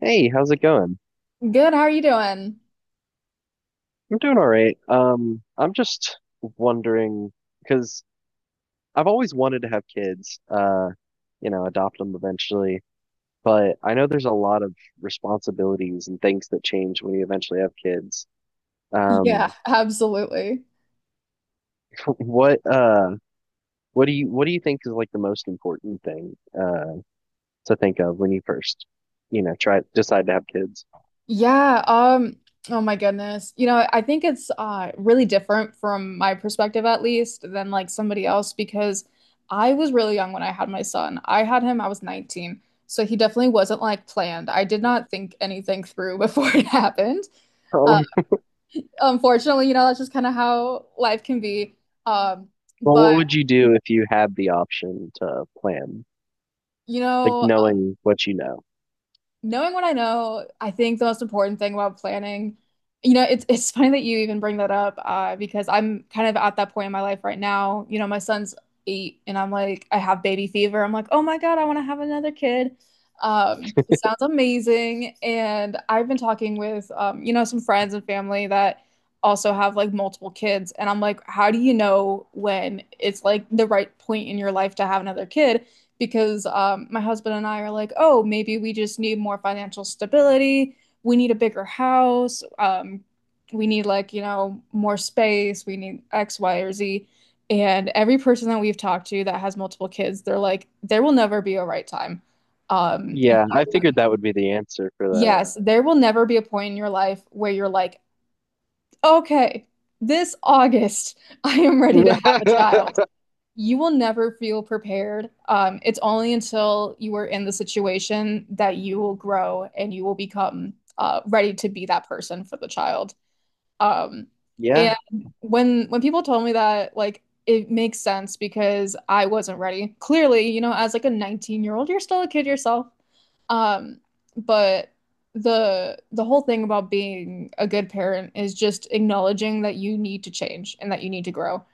Hey, how's it going? Good, how are you doing? I'm doing all right. I'm just wondering because I've always wanted to have kids, you know, adopt them eventually, but I know there's a lot of responsibilities and things that change when you eventually have kids. Yeah, Um, absolutely. what what do you think is like the most important thing to think of when you first, you know, try decide to have kids? Yeah, um, oh my goodness. You know, I think it's really different from my perspective at least than like somebody else because I was really young when I had my son. I had him, I was 19. So he definitely wasn't like planned. I did not think anything through before it happened. Uh, Um, Unfortunately, you know, that's just kind of how life can be. Um, well, but what would you do if you had the option to plan, You like know, knowing what you know? knowing what I know, I think the most important thing about planning, you know, it's funny that you even bring that up, because I'm kind of at that point in my life right now. You know, my son's eight, and I'm like, I have baby fever. I'm like, oh my God, I want to have another kid. It sounds amazing, and I've been talking with, you know, some friends and family that also have like multiple kids, and I'm like, how do you know when it's like the right point in your life to have another kid? Because my husband and I are like, oh, maybe we just need more financial stability. We need a bigger house. We need, like, you know, more space. We need X, Y, or Z. And every person that we've talked to that has multiple kids, they're like, there will never be a right time. Um, you, Yeah, I figured that would be the answer for yes, there will never be a point in your life where you're like, okay, this August, I am ready to have a that. child. You will never feel prepared. It's only until you are in the situation that you will grow and you will become ready to be that person for the child. Um, Yeah, and When people told me that, like it makes sense because I wasn't ready. Clearly, you know, as like a 19-year-old, you're still a kid yourself. Um, but The whole thing about being a good parent is just acknowledging that you need to change and that you need to grow.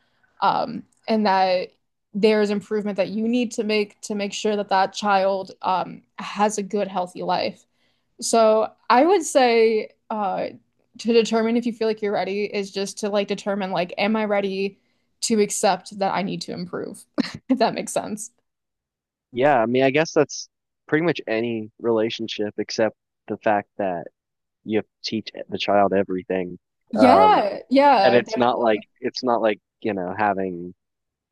And that there's improvement that you need to make sure that that child has a good, healthy life. So I would say to determine if you feel like you're ready is just to like determine like, am I ready to accept that I need to improve? If that makes sense. yeah. I mean, I guess that's pretty much any relationship except the fact that you have to teach the child everything. Um, Yeah, and yeah, it's not like, you know, having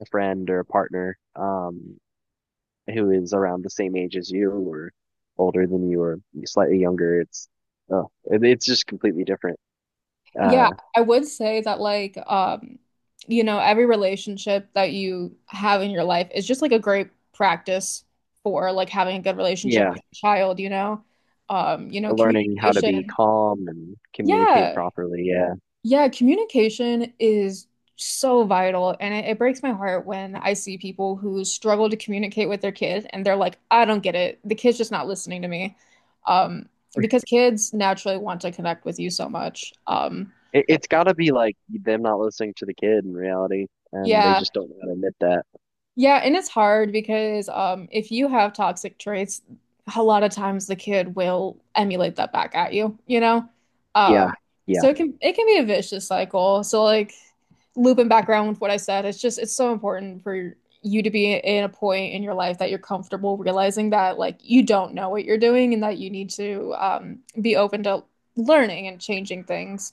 a friend or a partner who is around the same age as you or older than you or slightly younger. It's just completely different. Yeah, Uh, I would say that like you know every relationship that you have in your life is just like a great practice for like having a good relationship yeah, with a child, you know. You know, learning how to be communication. calm and communicate Yeah. properly. Yeah. Yeah, communication is so vital and it breaks my heart when I see people who struggle to communicate with their kid and they're like, I don't get it. The kid's just not listening to me. Um, because kids naturally want to connect with you so much. It's got to be like them not listening to the kid in reality, and they Yeah. just don't know how to admit that. Yeah, and it's hard because if you have toxic traits, a lot of times the kid will emulate that back at you, you know? Yeah, Um, yeah. so it can be a vicious cycle. So like looping back around with what I said, it's just it's so important for you to be in a point in your life that you're comfortable realizing that like you don't know what you're doing and that you need to be open to learning and changing things.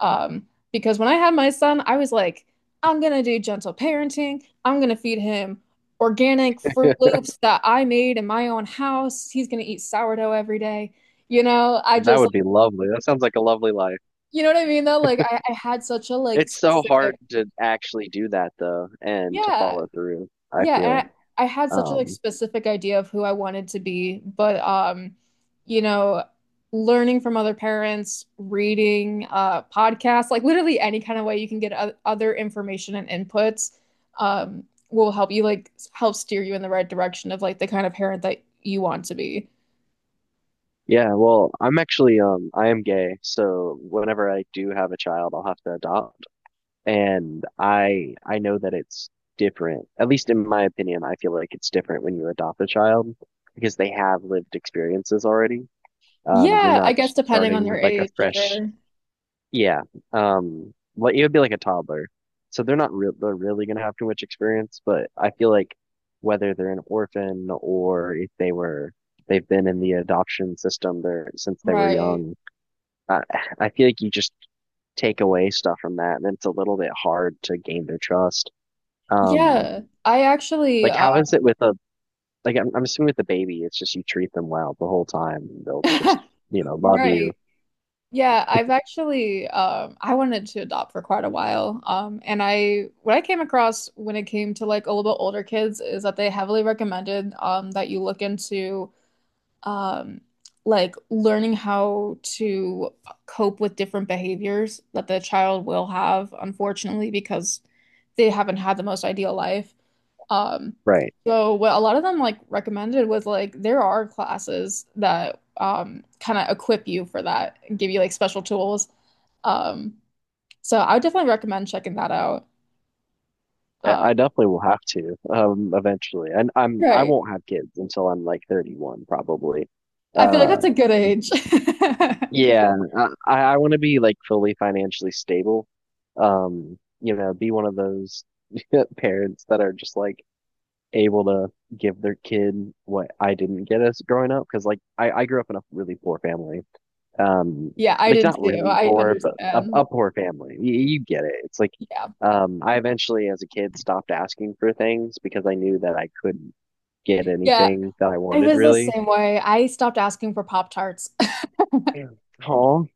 Because when I had my son, I was like, I'm gonna do gentle parenting. I'm gonna feed him organic Fruit Loops that I made in my own house. He's gonna eat sourdough every day. You know, I That just would like, be lovely. That sounds like a lovely life. you know what I mean though? Like I had such a like It's so hard specific, to actually do that though, and to yeah. follow through, I Yeah, feel. and I had such a like Um, specific idea of who I wanted to be, but you know, learning from other parents, reading podcasts, like literally any kind of way you can get o other information and inputs um will help you like help steer you in the right direction of like the kind of parent that you want to be. yeah, well, I'm actually I am gay, so whenever I do have a child, I'll have to adopt. And I know that it's different. At least in my opinion, I feel like it's different when you adopt a child because they have lived experiences already. You're Yeah, I not guess depending on starting your with like a age, fresh, sure. yeah. Well, it would be like a toddler, so they're not real. They're really gonna have too much experience, but I feel like whether they're an orphan or if they've been in the adoption system there since they were Right. young, I, I feel like you just take away stuff from that, and it's a little bit hard to gain their trust. Um, Yeah. I actually like how is it with a like I'm assuming with the baby, it's just you treat them well the whole time, and they'll just, you know, love you, right. Yeah, I've actually I wanted to adopt for quite a while. And I What I came across when it came to like a little bit older kids is that they heavily recommended that you look into um like learning how to cope with different behaviors that the child will have, unfortunately, because they haven't had the most ideal life. Um, right? so what a lot of them like recommended was like there are classes that kind of equip you for that and give you like special tools. Um, so I would definitely recommend checking that out. I Uh, I definitely will have to eventually. And I right. won't have kids until I'm like 31 probably. I feel like Uh that's a good age. yeah, I want to be like fully financially stable. You know, be one of those parents that are just like able to give their kid what I didn't get as growing up because like I grew up in a really poor family um Yeah, I like did not too. really I poor but understand. a poor family, you get it. It's like Yeah. I eventually as a kid stopped asking for things because I knew that I couldn't get Yeah. anything that I I wanted was the really. same way. I stopped asking for Pop Tarts. Yeah. Oh,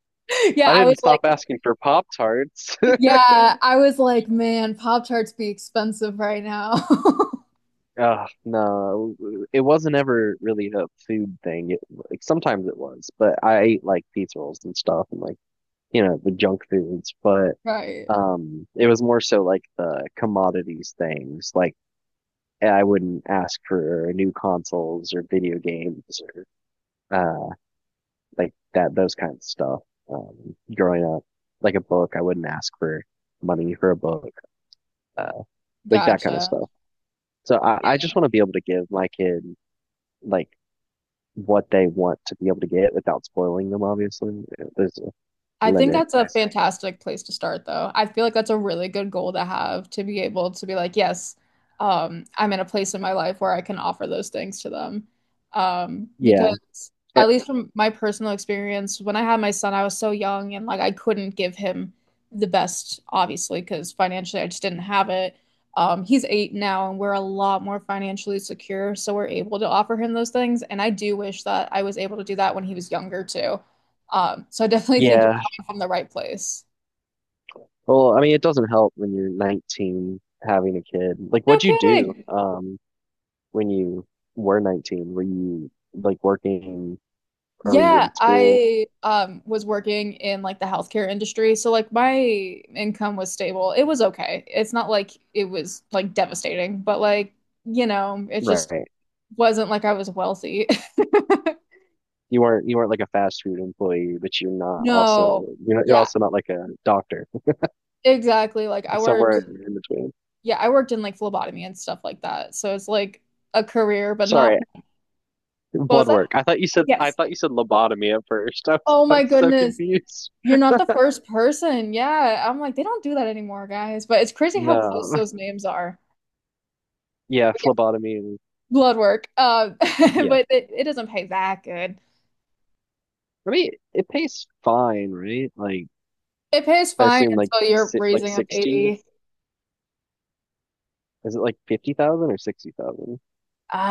Yeah, I I was didn't like, stop asking for Pop Tarts. yeah, I was like, man, Pop Tarts be expensive right now. No, it wasn't ever really a food thing. Like sometimes it was, but I ate like pizza rolls and stuff and like, you know, the junk foods. But Right. It was more so like the commodities, things like I wouldn't ask for new consoles or video games or uh like that, those kinds of stuff. Growing up, like a book, I wouldn't ask for money for a book, uh, like that kind of Gotcha. stuff. So I just want to be able to give my kid like what they want to be able to get without spoiling them. Obviously, there's a I think limit. that's I a s- fantastic place to start, though. I feel like that's a really good goal to have to be able to be like, yes, I'm in a place in my life where I can offer those things to them. Yeah. Because Eh, at least from my personal experience, when I had my son, I was so young and like I couldn't give him the best, obviously, because financially I just didn't have it. He's eight now and we're a lot more financially secure, so we're able to offer him those things. And I do wish that I was able to do that when he was younger too. So I definitely think yeah. from the right place. Well, I mean, it doesn't help when you're 19 having a kid. Like, No what'd you do? kidding. When you were 19? Were you like working or were you Yeah, in school? I was working in like the healthcare industry, so like my income was stable. It was okay. It's not like it was like devastating, but like, you know, it just Right. wasn't like I was wealthy. You weren't like a fast food employee, but you're not also No. you're not, you're Yeah, also not like a doctor. exactly. Somewhere in between. Yeah, I worked in like phlebotomy and stuff like that. So it's like a career, but not, Sorry, what was blood that? work. I Yes. thought you said lobotomy at first. Oh I'm my so goodness. confused. You're not the first person. Yeah. I'm like, they don't do that anymore, guys. But it's crazy how No. close those names are. Yeah, But yeah, phlebotomy and blood work. Yeah. but it doesn't pay that good. I mean, it pays fine, right? Like It pays I fine assume like until you're si like raising a 60. baby. Is it like 50,000 or 60,000?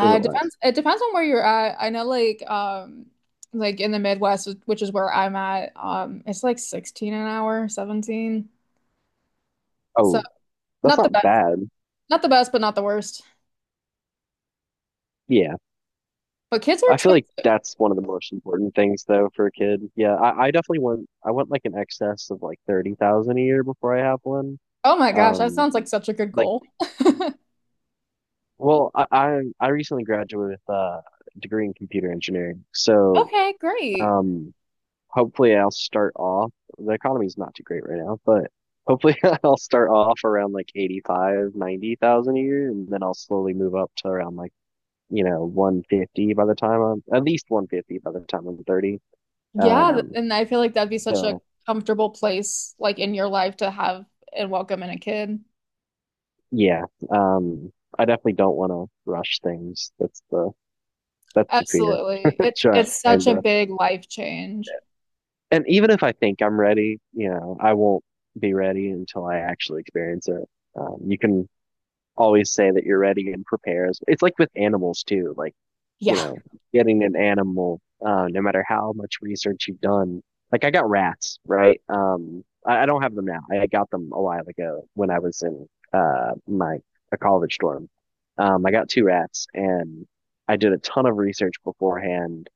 Or is It it less? depends. It depends on where you're at. I know, like in the Midwest, which is where I'm at, it's like 16 an hour, 17. So Oh, that's not the not best, bad. not the best, but not the worst. Yeah. But kids are I feel like expensive. that's one of the most important things though for a kid. Yeah, I definitely want I want like an excess of like 30,000 a year before I have one. Oh my gosh, that Um sounds like such a good like goal. well, I recently graduated with a degree in computer engineering. So, Okay, great. um hopefully I'll start off, the economy's not too great right now, but hopefully I'll start off around like 85, 90,000 a year, and then I'll slowly move up to around like, you know, 150 by the time I'm 30. Yeah, Um, and I feel like that'd be such a so comfortable place like in your life to have and welcome in a kid. yeah, um, I definitely don't want to rush things. That's the fear. Absolutely. It's Trying such a to, big life change. and even if I think I'm ready, you know, I won't be ready until I actually experience it. You can always say that you're ready and prepare. It's like with animals too, like, you Yeah, know, getting an animal, no matter how much research you've done. Like I got rats, right? I don't have them now. I got them a while ago when I was in my a college dorm. I got 2 rats and I did a ton of research beforehand,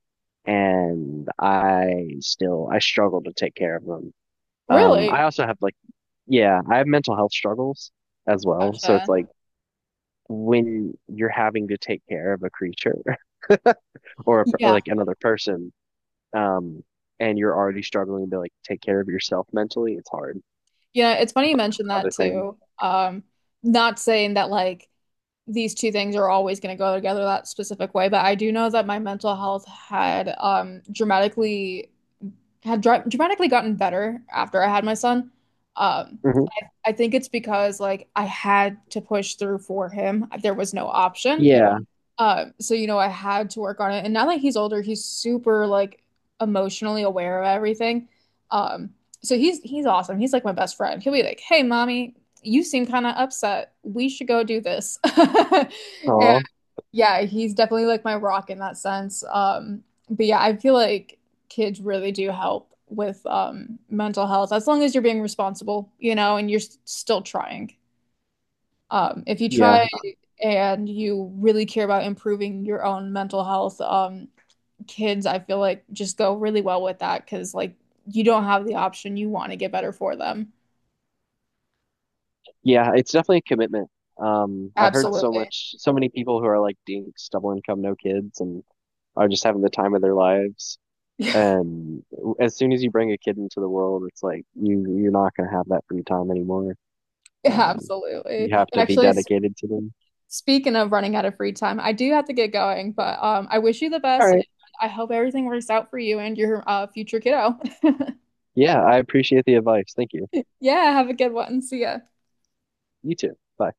and I still I struggle to take care of them. Really. I also have like, yeah, I have mental health struggles as well. So it's Gotcha. like when you're having to take care of a creature Yeah. like another person, um, and you're already struggling to like take care of yourself mentally, it's hard. Yeah, it's funny you mentioned that Another thing. too. Not saying that like these two things are always going to go together that specific way, but I do know that my mental health had dramatically had dra dramatically gotten better after I had my son. Um, Hmm. I think it's because like I had to push through for him. There was no option. Yeah. So you know, I had to work on it. And now that he's older, he's super like emotionally aware of everything. Um, so he's awesome. He's like my best friend. He'll be like, "Hey, mommy, you seem kind of upset. We should go do this." And Oh, yeah, he's definitely like my rock in that sense. But yeah, I feel like kids really do help with mental health as long as you're being responsible, you know, and you're still trying. If you try yeah. and you really care about improving your own mental health, kids, I feel like just go really well with that because like you don't have the option. You want to get better for them. Yeah. It's definitely a commitment. I've heard so Absolutely. much, so many people who are like dinks, double income, no kids, and are just having the time of their lives. And as soon as you bring a kid into the world, it's like you're not gonna have that free time anymore. Um, Absolutely. you have to be Actually, dedicated to them. Speaking of running out of free time, I do have to get going, but I wish you the All best. right. I hope everything works out for you and your future kiddo. Yeah, I appreciate the advice. Thank you. Yeah, have a good one. See ya. You too. Bye.